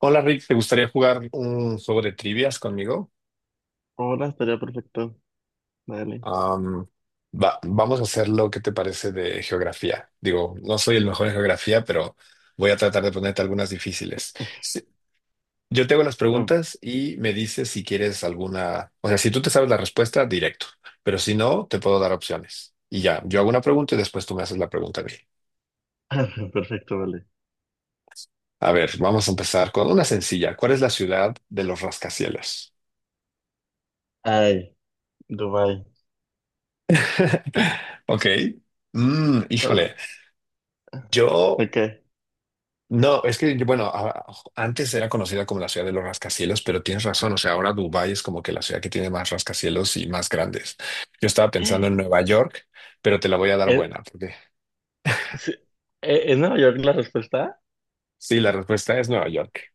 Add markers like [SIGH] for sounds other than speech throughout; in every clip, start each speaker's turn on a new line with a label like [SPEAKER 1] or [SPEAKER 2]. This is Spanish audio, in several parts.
[SPEAKER 1] Hola Rick, ¿te gustaría jugar un juego de trivias conmigo?
[SPEAKER 2] Hola, estaría perfecto. Dale.
[SPEAKER 1] Am, Vamos a hacer lo que te parece de geografía. Digo, no soy el mejor en geografía, pero voy a tratar de ponerte algunas difíciles. Si- yo te hago las
[SPEAKER 2] Ah,
[SPEAKER 1] preguntas y me dices si quieres alguna, o sea, si tú te sabes la respuesta, directo, pero si no, te puedo dar opciones. Y ya, yo hago una pregunta y después tú me haces la pregunta a mí.
[SPEAKER 2] [LAUGHS] perfecto, vale.
[SPEAKER 1] A ver, vamos a empezar con una sencilla. ¿Cuál es la ciudad de los rascacielos?
[SPEAKER 2] Ay, Dubái.
[SPEAKER 1] [LAUGHS] Ok.
[SPEAKER 2] Ay,
[SPEAKER 1] Híjole. Yo,
[SPEAKER 2] ok.
[SPEAKER 1] no, es que, bueno, antes era conocida como la ciudad de los rascacielos, pero tienes razón, o sea, ahora Dubái es como que la ciudad que tiene más rascacielos y más grandes. Yo estaba pensando en Nueva York, pero te la voy a dar
[SPEAKER 2] ¿Es,
[SPEAKER 1] buena, porque
[SPEAKER 2] sí, ¿Es Nueva York la respuesta?
[SPEAKER 1] sí, la respuesta es Nueva York.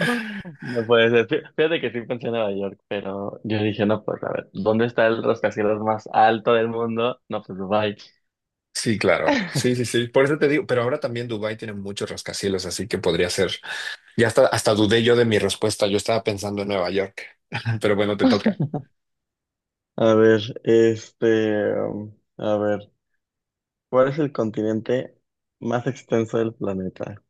[SPEAKER 2] [CLEARS THROAT] No puede ser. Fíjate que sí pensé en Nueva York, pero yo dije, no, pues a ver, ¿dónde está el rascacielos más alto del mundo? No, pues Dubái.
[SPEAKER 1] Sí, claro, sí, sí,
[SPEAKER 2] [LAUGHS]
[SPEAKER 1] sí, por eso te digo, pero ahora también Dubái tiene muchos rascacielos, así que podría ser, ya hasta dudé yo de mi respuesta, yo estaba pensando en Nueva York, [LAUGHS] pero bueno, te toca.
[SPEAKER 2] A ver, a ver, ¿cuál es el continente más extenso del planeta?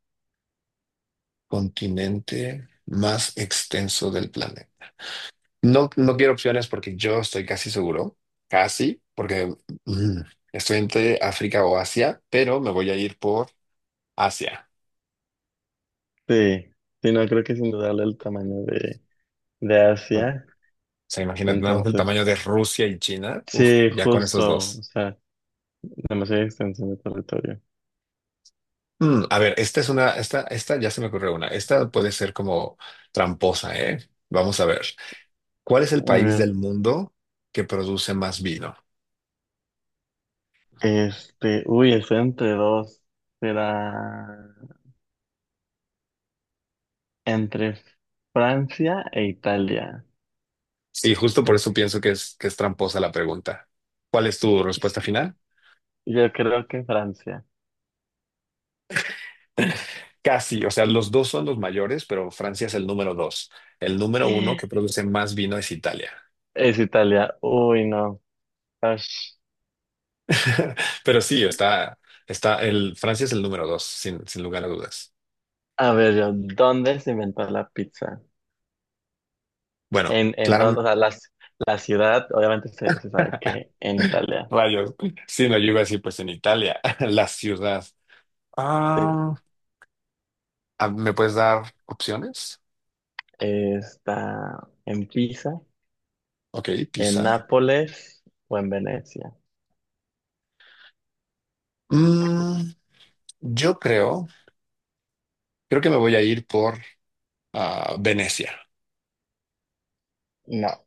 [SPEAKER 1] Continente más extenso del planeta. No, no quiero opciones porque yo estoy casi seguro, casi, porque mm, estoy entre África o Asia, pero me voy a ir por Asia.
[SPEAKER 2] Sí, sí, no, creo que sin dudarlo el tamaño de
[SPEAKER 1] Bueno, o
[SPEAKER 2] Asia.
[SPEAKER 1] sea, imagínate nada más el
[SPEAKER 2] Entonces,
[SPEAKER 1] tamaño de Rusia y China. Uf,
[SPEAKER 2] sí,
[SPEAKER 1] ya con esos
[SPEAKER 2] justo, o
[SPEAKER 1] dos.
[SPEAKER 2] sea, demasiada extensión de territorio.
[SPEAKER 1] A ver, esta ya se me ocurrió una. Esta puede ser como tramposa, ¿eh? Vamos a ver. ¿Cuál es el
[SPEAKER 2] A
[SPEAKER 1] país del
[SPEAKER 2] ver,
[SPEAKER 1] mundo que produce más vino?
[SPEAKER 2] este, uy, estoy entre dos. Será entre Francia e Italia.
[SPEAKER 1] Y justo por eso pienso que es tramposa la pregunta. ¿Cuál es tu respuesta
[SPEAKER 2] Pues,
[SPEAKER 1] final?
[SPEAKER 2] yo creo que Francia.
[SPEAKER 1] Casi, o sea, los dos son los mayores, pero Francia es el número dos. El número uno que produce más vino es Italia.
[SPEAKER 2] Es Italia. Uy, no. Ash.
[SPEAKER 1] [LAUGHS] Pero sí, está, el Francia es el número dos, sin lugar a dudas.
[SPEAKER 2] A ver, yo, ¿dónde se inventó la pizza?
[SPEAKER 1] Bueno,
[SPEAKER 2] En dónde, o
[SPEAKER 1] claramente,
[SPEAKER 2] sea, la ciudad, obviamente se sabe que
[SPEAKER 1] [CLEARS THROAT]
[SPEAKER 2] en
[SPEAKER 1] [LAUGHS]
[SPEAKER 2] Italia.
[SPEAKER 1] rayos. Sí, no, yo iba a decir, pues en Italia, [LAUGHS] la ciudad. Ah,
[SPEAKER 2] Sí.
[SPEAKER 1] ¿Me puedes dar opciones?
[SPEAKER 2] Está en Pisa.
[SPEAKER 1] Ok,
[SPEAKER 2] ¿En
[SPEAKER 1] Pisa.
[SPEAKER 2] Nápoles o en Venecia?
[SPEAKER 1] Mm, yo creo que me voy a ir por Venecia.
[SPEAKER 2] No,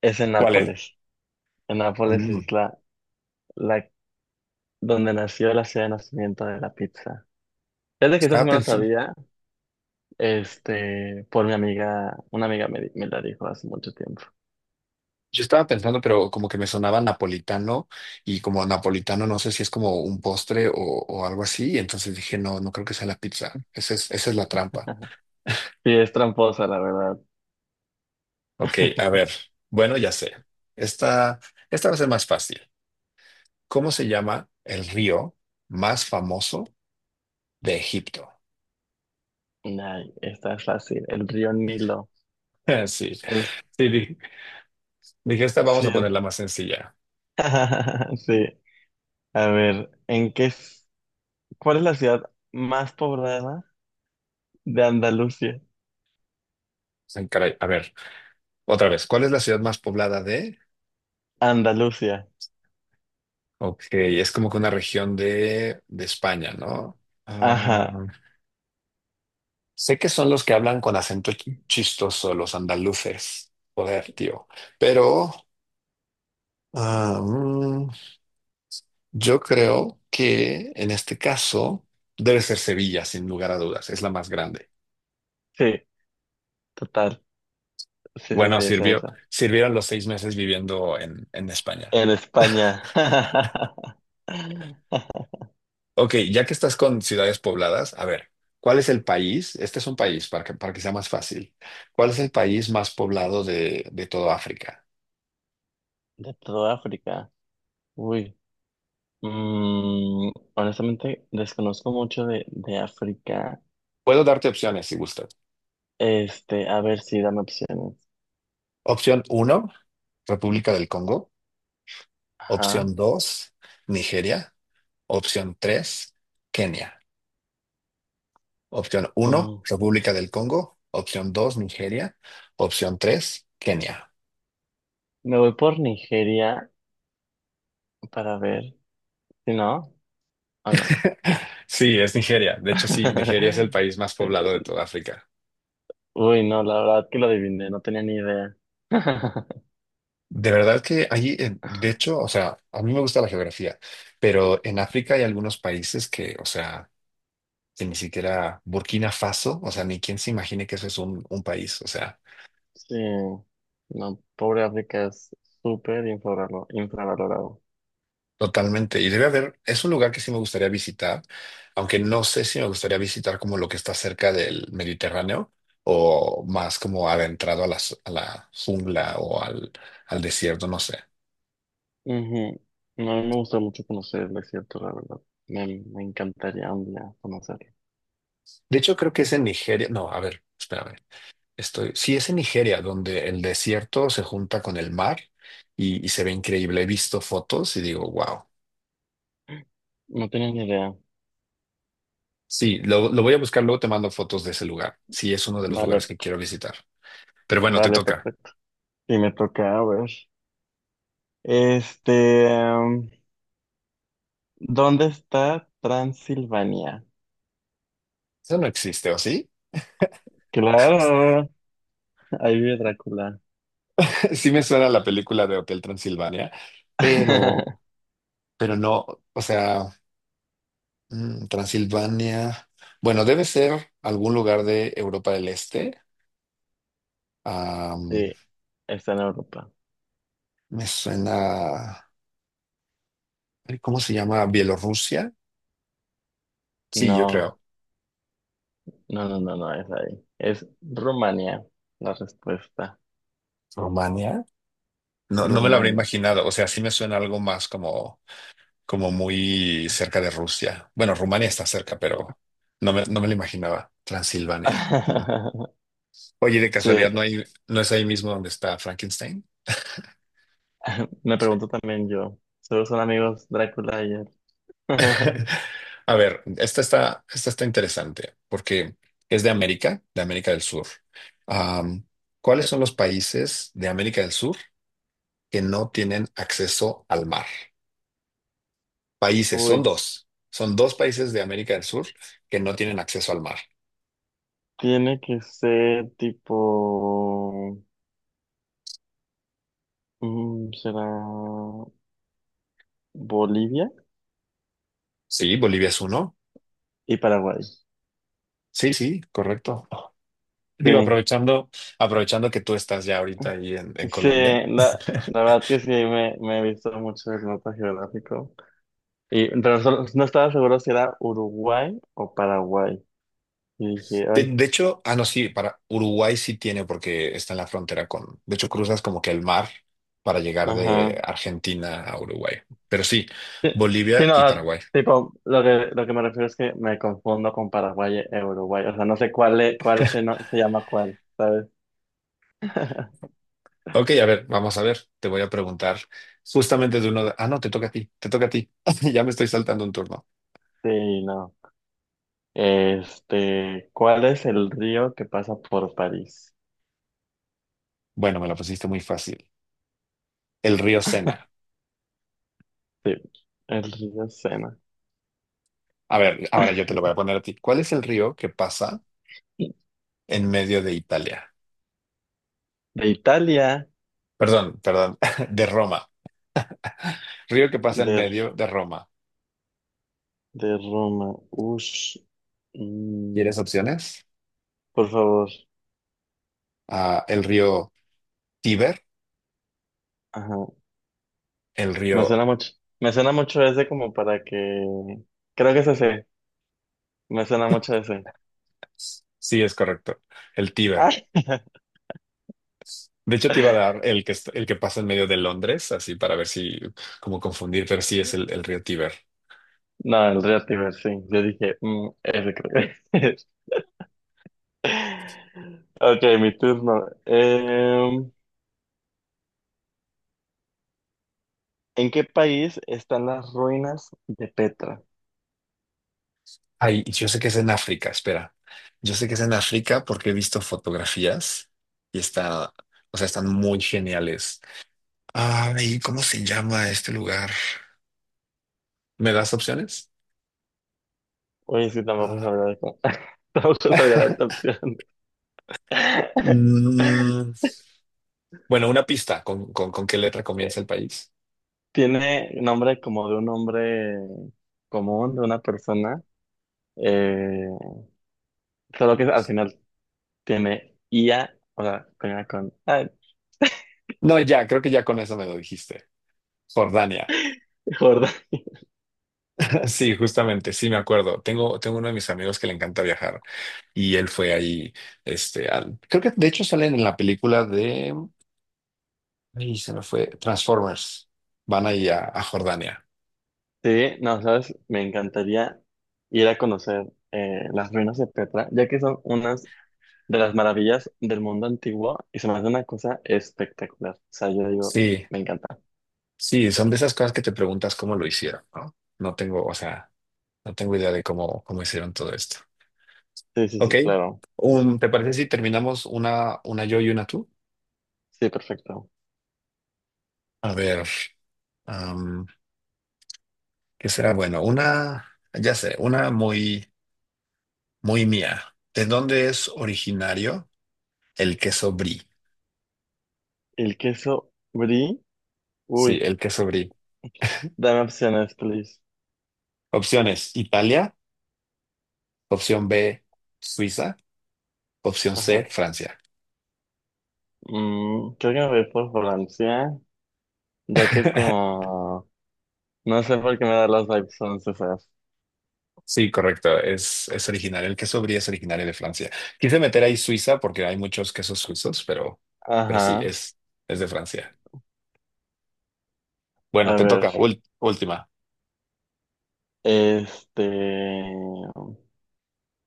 [SPEAKER 2] es en
[SPEAKER 1] ¿Cuál es?
[SPEAKER 2] Nápoles. En Nápoles
[SPEAKER 1] Mm,
[SPEAKER 2] es la donde nació la ciudad de nacimiento de la pizza. Desde que eso sí
[SPEAKER 1] Estaba
[SPEAKER 2] me lo
[SPEAKER 1] pensando.
[SPEAKER 2] sabía, este, por mi amiga, una amiga me la dijo hace mucho tiempo.
[SPEAKER 1] Yo estaba pensando, pero como que me sonaba napolitano y como napolitano no sé si es como un postre o algo así, y entonces dije, no, no creo que sea la pizza. Esa es la trampa.
[SPEAKER 2] Sí, es tramposa, la verdad.
[SPEAKER 1] Ok, a ver, bueno, ya sé. Esta, esta va a ser más fácil. ¿Cómo se llama el río más famoso de Egipto?
[SPEAKER 2] Ay, esta es fácil. El río Nilo.
[SPEAKER 1] [LAUGHS] Sí,
[SPEAKER 2] El,
[SPEAKER 1] sí, dije, esta vamos
[SPEAKER 2] sí.
[SPEAKER 1] a ponerla más sencilla.
[SPEAKER 2] [LAUGHS] Sí. A ver, ¿cuál es la ciudad más poblada de Andalucía?
[SPEAKER 1] Ay, caray, a ver, otra vez, ¿cuál es la ciudad más poblada de?
[SPEAKER 2] Andalucía.
[SPEAKER 1] Ok, es como que una región de España, ¿no? Ah,
[SPEAKER 2] Ajá.
[SPEAKER 1] Sé que son los que hablan con acento chistoso, los andaluces. Joder, tío. Pero ah, mm, yo creo que en este caso debe ser Sevilla, sin lugar a dudas. Es la más grande.
[SPEAKER 2] Sí. Total, sí, sí,
[SPEAKER 1] Bueno,
[SPEAKER 2] sí,
[SPEAKER 1] sirvió,
[SPEAKER 2] esa.
[SPEAKER 1] sirvieron los 6 meses viviendo en España.
[SPEAKER 2] En España. [LAUGHS]
[SPEAKER 1] Ok, ya que estás con ciudades pobladas, a ver, ¿cuál es el país? Este es un país para que sea más fácil. ¿Cuál es el país más poblado de todo África?
[SPEAKER 2] De toda África. Uy. Mm, honestamente, desconozco mucho de África.
[SPEAKER 1] Puedo darte opciones si gustas.
[SPEAKER 2] Este, a ver si dame opciones.
[SPEAKER 1] Opción uno. República del Congo.
[SPEAKER 2] Ajá.
[SPEAKER 1] Opción 2, Nigeria. Opción 3, Kenia. Opción uno,
[SPEAKER 2] Mm,
[SPEAKER 1] República del Congo. Opción 2, Nigeria. Opción 3, Kenia.
[SPEAKER 2] me voy por Nigeria para ver si no o no.
[SPEAKER 1] [LAUGHS] Sí, es Nigeria. De hecho, sí, Nigeria es el
[SPEAKER 2] [LAUGHS]
[SPEAKER 1] país más poblado de toda África.
[SPEAKER 2] Uy, no, la verdad que lo adiviné, no tenía ni idea. [LAUGHS]
[SPEAKER 1] De verdad que allí, de hecho, o sea, a mí me gusta la geografía, pero en África hay algunos países que, o sea, que ni siquiera Burkina Faso, o sea, ni quien se imagine que eso es un país, o sea,
[SPEAKER 2] Sí, no, pobre África es infravalorado.
[SPEAKER 1] totalmente. Y debe haber, es un lugar que sí me gustaría visitar, aunque no sé si me gustaría visitar como lo que está cerca del Mediterráneo o más como adentrado a la jungla o al desierto, no sé.
[SPEAKER 2] Ujú. No, a mí me gusta mucho conocer el desierto, la verdad. Me, me encantaría un día conocerlo.
[SPEAKER 1] De hecho, creo que es en Nigeria. No, a ver, espérame. Sí, es en Nigeria, donde el desierto se junta con el mar y se ve increíble. He visto fotos y digo, wow.
[SPEAKER 2] No tenía ni idea.
[SPEAKER 1] Sí, lo voy a buscar, luego te mando fotos de ese lugar. Sí, es uno de los lugares
[SPEAKER 2] Vale,
[SPEAKER 1] que quiero visitar. Pero bueno, te
[SPEAKER 2] vale,
[SPEAKER 1] toca.
[SPEAKER 2] perfecto. Y me toca, a ver. Este, em, ¿Dónde está Transilvania?
[SPEAKER 1] Eso no existe, ¿o sí?
[SPEAKER 2] Claro, ahí vive Drácula.
[SPEAKER 1] Sí me suena la película de Hotel Transilvania, pero,
[SPEAKER 2] [LAUGHS]
[SPEAKER 1] pero no, o sea, Transilvania, bueno, debe ser algún lugar de Europa del Este. Am,
[SPEAKER 2] Sí, está en Europa.
[SPEAKER 1] Me suena, ay, ¿cómo se llama? Bielorrusia. Sí, yo creo.
[SPEAKER 2] No, no, es ahí. Es Rumania, la respuesta.
[SPEAKER 1] Rumania. No, no me lo habría
[SPEAKER 2] Rumania.
[SPEAKER 1] imaginado. O sea, sí me suena algo más como muy cerca de Rusia. Bueno, Rumania está cerca, pero no me lo imaginaba. Transilvania. Hmm.
[SPEAKER 2] [LAUGHS]
[SPEAKER 1] Oye, de
[SPEAKER 2] Sí.
[SPEAKER 1] casualidad, ¿no hay, no es ahí mismo donde está Frankenstein?
[SPEAKER 2] [LAUGHS] Me pregunto también yo. Solo son amigos Drácula y él. [LAUGHS]
[SPEAKER 1] [LAUGHS] A ver, esta está interesante porque es de América del Sur. Am, ¿Cuáles son los países de América del Sur que no tienen acceso al mar? Países, son
[SPEAKER 2] Uy,
[SPEAKER 1] dos. Son dos países de América del Sur que no tienen acceso al mar.
[SPEAKER 2] tiene que ser tipo... mm, ¿será Bolivia
[SPEAKER 1] Sí, Bolivia es uno.
[SPEAKER 2] y Paraguay?
[SPEAKER 1] Sí, sí, correcto. Digo,
[SPEAKER 2] Sí,
[SPEAKER 1] aprovechando que tú estás ya ahorita ahí en
[SPEAKER 2] sí,
[SPEAKER 1] Colombia.
[SPEAKER 2] la
[SPEAKER 1] [LAUGHS]
[SPEAKER 2] verdad que sí, me he visto mucho el mapa geográfico. Y, pero no estaba seguro si era Uruguay o Paraguay. Y dije,
[SPEAKER 1] De,
[SPEAKER 2] ay,
[SPEAKER 1] de hecho, ah, no, sí, para Uruguay sí tiene porque está en la frontera con, de hecho, cruzas como que el mar para llegar
[SPEAKER 2] ajá.
[SPEAKER 1] de Argentina a Uruguay. Pero sí,
[SPEAKER 2] Sí,
[SPEAKER 1] Bolivia
[SPEAKER 2] no, o
[SPEAKER 1] y
[SPEAKER 2] sea,
[SPEAKER 1] Paraguay.
[SPEAKER 2] tipo, lo que me refiero es que me confundo con Paraguay e Uruguay. O sea, no sé cuál, es- cuál se, no- se llama cuál, ¿sabes? [LAUGHS]
[SPEAKER 1] Ok, a ver, vamos a ver. Te voy a preguntar justamente de uno de. Ah, no, te toca a ti, te toca a ti. [LAUGHS] Ya me estoy saltando un turno.
[SPEAKER 2] Sí, no. Este, ¿cuál es el río que pasa por París?
[SPEAKER 1] Bueno, me la pusiste muy fácil. El río Sena.
[SPEAKER 2] Sí, el río Sena.
[SPEAKER 1] A ver, ahora yo te lo voy a poner a ti. ¿Cuál es el río que pasa en medio de Italia?
[SPEAKER 2] De Italia,
[SPEAKER 1] Perdón, perdón, [LAUGHS] de Roma. Río que pasa en
[SPEAKER 2] de,
[SPEAKER 1] medio de Roma.
[SPEAKER 2] de Roma. Ush. Mm,
[SPEAKER 1] ¿Quieres opciones?
[SPEAKER 2] por favor.
[SPEAKER 1] Ah, el río Tíber,
[SPEAKER 2] Ajá.
[SPEAKER 1] el
[SPEAKER 2] Me
[SPEAKER 1] río,
[SPEAKER 2] suena mucho. Me suena mucho ese como para que. Creo que es ese. Me suena mucho ese.
[SPEAKER 1] sí es correcto, el
[SPEAKER 2] Ah.
[SPEAKER 1] Tíber. De hecho, te iba a
[SPEAKER 2] [LAUGHS]
[SPEAKER 1] dar el que pasa en medio de Londres, así para ver si, como confundir, pero sí es el río Tíber.
[SPEAKER 2] No, el Reactiver, sí. Yo dije, mm, ese creo que es. [LAUGHS] Ok, mi turno. ¿En qué país están las ruinas de Petra?
[SPEAKER 1] Ay, y yo sé que es en África, espera. Yo sé que es en África porque he visto fotografías y está, o sea, están muy geniales. Ay, ¿cómo se llama este lugar? ¿Me das opciones?
[SPEAKER 2] Oye, sí, tampoco
[SPEAKER 1] Ah.
[SPEAKER 2] sabía esto. [LAUGHS] Tampoco sabía la otra
[SPEAKER 1] [LAUGHS]
[SPEAKER 2] opción. [LAUGHS]
[SPEAKER 1] Mm, bueno, una pista, ¿con qué letra
[SPEAKER 2] Eh,
[SPEAKER 1] comienza el país?
[SPEAKER 2] tiene nombre como de un hombre común, de una persona. Eh, solo que al final tiene IA, o sea, termina con... Ay,
[SPEAKER 1] No, ya, creo que ya con eso me lo dijiste. Jordania.
[SPEAKER 2] [LAUGHS] gorda.
[SPEAKER 1] [LAUGHS] Sí, justamente, sí me acuerdo. Tengo uno de mis amigos que le encanta viajar y él fue ahí, este, creo que de hecho salen en la película de, ay, se me fue, Transformers. Van ahí a Jordania.
[SPEAKER 2] Sí, no, sabes, me encantaría ir a conocer las ruinas de Petra, ya que son unas de las maravillas del mundo antiguo y se me hace una cosa espectacular. O sea, yo digo,
[SPEAKER 1] Sí,
[SPEAKER 2] me encanta.
[SPEAKER 1] sí, son de esas cosas que te preguntas cómo lo hicieron, ¿no? No tengo, o sea, no tengo idea de cómo hicieron todo esto.
[SPEAKER 2] Sí, sí,
[SPEAKER 1] Ok,
[SPEAKER 2] sí, claro.
[SPEAKER 1] un ¿te parece si terminamos una yo y una tú?
[SPEAKER 2] Sí, perfecto.
[SPEAKER 1] A ver. ¿Qué será? Bueno, una, ya sé, una muy, muy mía. ¿De dónde es originario el queso brie?
[SPEAKER 2] El queso brie,
[SPEAKER 1] Sí,
[SPEAKER 2] uy,
[SPEAKER 1] el queso brie.
[SPEAKER 2] dame opciones, please.
[SPEAKER 1] Opciones, Italia. Opción B, Suiza. Opción C,
[SPEAKER 2] Ajá.
[SPEAKER 1] Francia.
[SPEAKER 2] Mm, creo que me voy por Francia, ya que es
[SPEAKER 1] [LAUGHS]
[SPEAKER 2] como, no sé por qué me da las vibes francesas.
[SPEAKER 1] Sí, correcto. Es originario. El queso brie es originario de Francia. Quise meter ahí Suiza porque hay muchos quesos suizos, pero sí,
[SPEAKER 2] Ajá.
[SPEAKER 1] es de Francia. Bueno,
[SPEAKER 2] A
[SPEAKER 1] te
[SPEAKER 2] ver,
[SPEAKER 1] toca. Última.
[SPEAKER 2] este.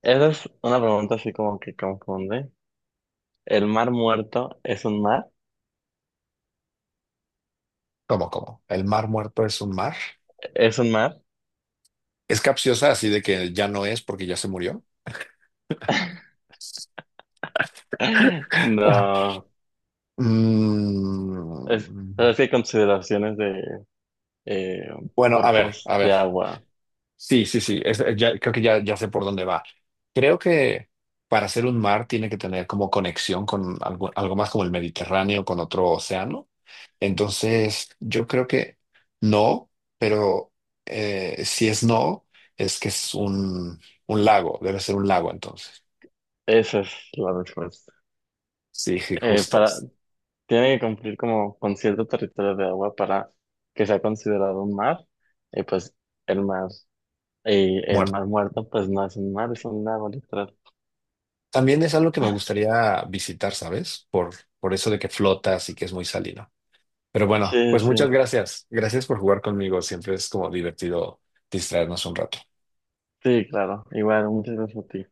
[SPEAKER 2] Esa es una pregunta así como que confunde. ¿El mar muerto es un mar?
[SPEAKER 1] ¿Cómo, cómo? ¿El mar muerto es un mar?
[SPEAKER 2] ¿Es un mar?
[SPEAKER 1] ¿Es capciosa así de que ya no es porque ya se murió?
[SPEAKER 2] [LAUGHS]
[SPEAKER 1] Ah,
[SPEAKER 2] No. Es, pero
[SPEAKER 1] Mm,
[SPEAKER 2] es que hay consideraciones de eh,
[SPEAKER 1] bueno, a ver,
[SPEAKER 2] cuerpos
[SPEAKER 1] a
[SPEAKER 2] de
[SPEAKER 1] ver.
[SPEAKER 2] agua.
[SPEAKER 1] Sí, sí, sí. Ya, creo que ya sé por dónde va. Creo que para ser un mar tiene que tener como conexión con algo más como el Mediterráneo, con otro océano. Entonces, yo creo que no, pero si es no, es que es un lago. Debe ser un lago entonces.
[SPEAKER 2] Esa es la respuesta.
[SPEAKER 1] Sí, sí, justo.
[SPEAKER 2] Para, tiene que cumplir como con cierto territorio de agua para que sea considerado un mar. Y pues el mar, y el mar muerto pues no es un mar, es un lago literal.
[SPEAKER 1] También es algo que me gustaría visitar, ¿sabes? Por eso de que flotas y que es muy salino. Pero bueno,
[SPEAKER 2] Sí,
[SPEAKER 1] pues
[SPEAKER 2] sí.
[SPEAKER 1] muchas gracias. Gracias por jugar conmigo. Siempre es como divertido distraernos un rato.
[SPEAKER 2] Sí, claro. Igual, muchas gracias a ti.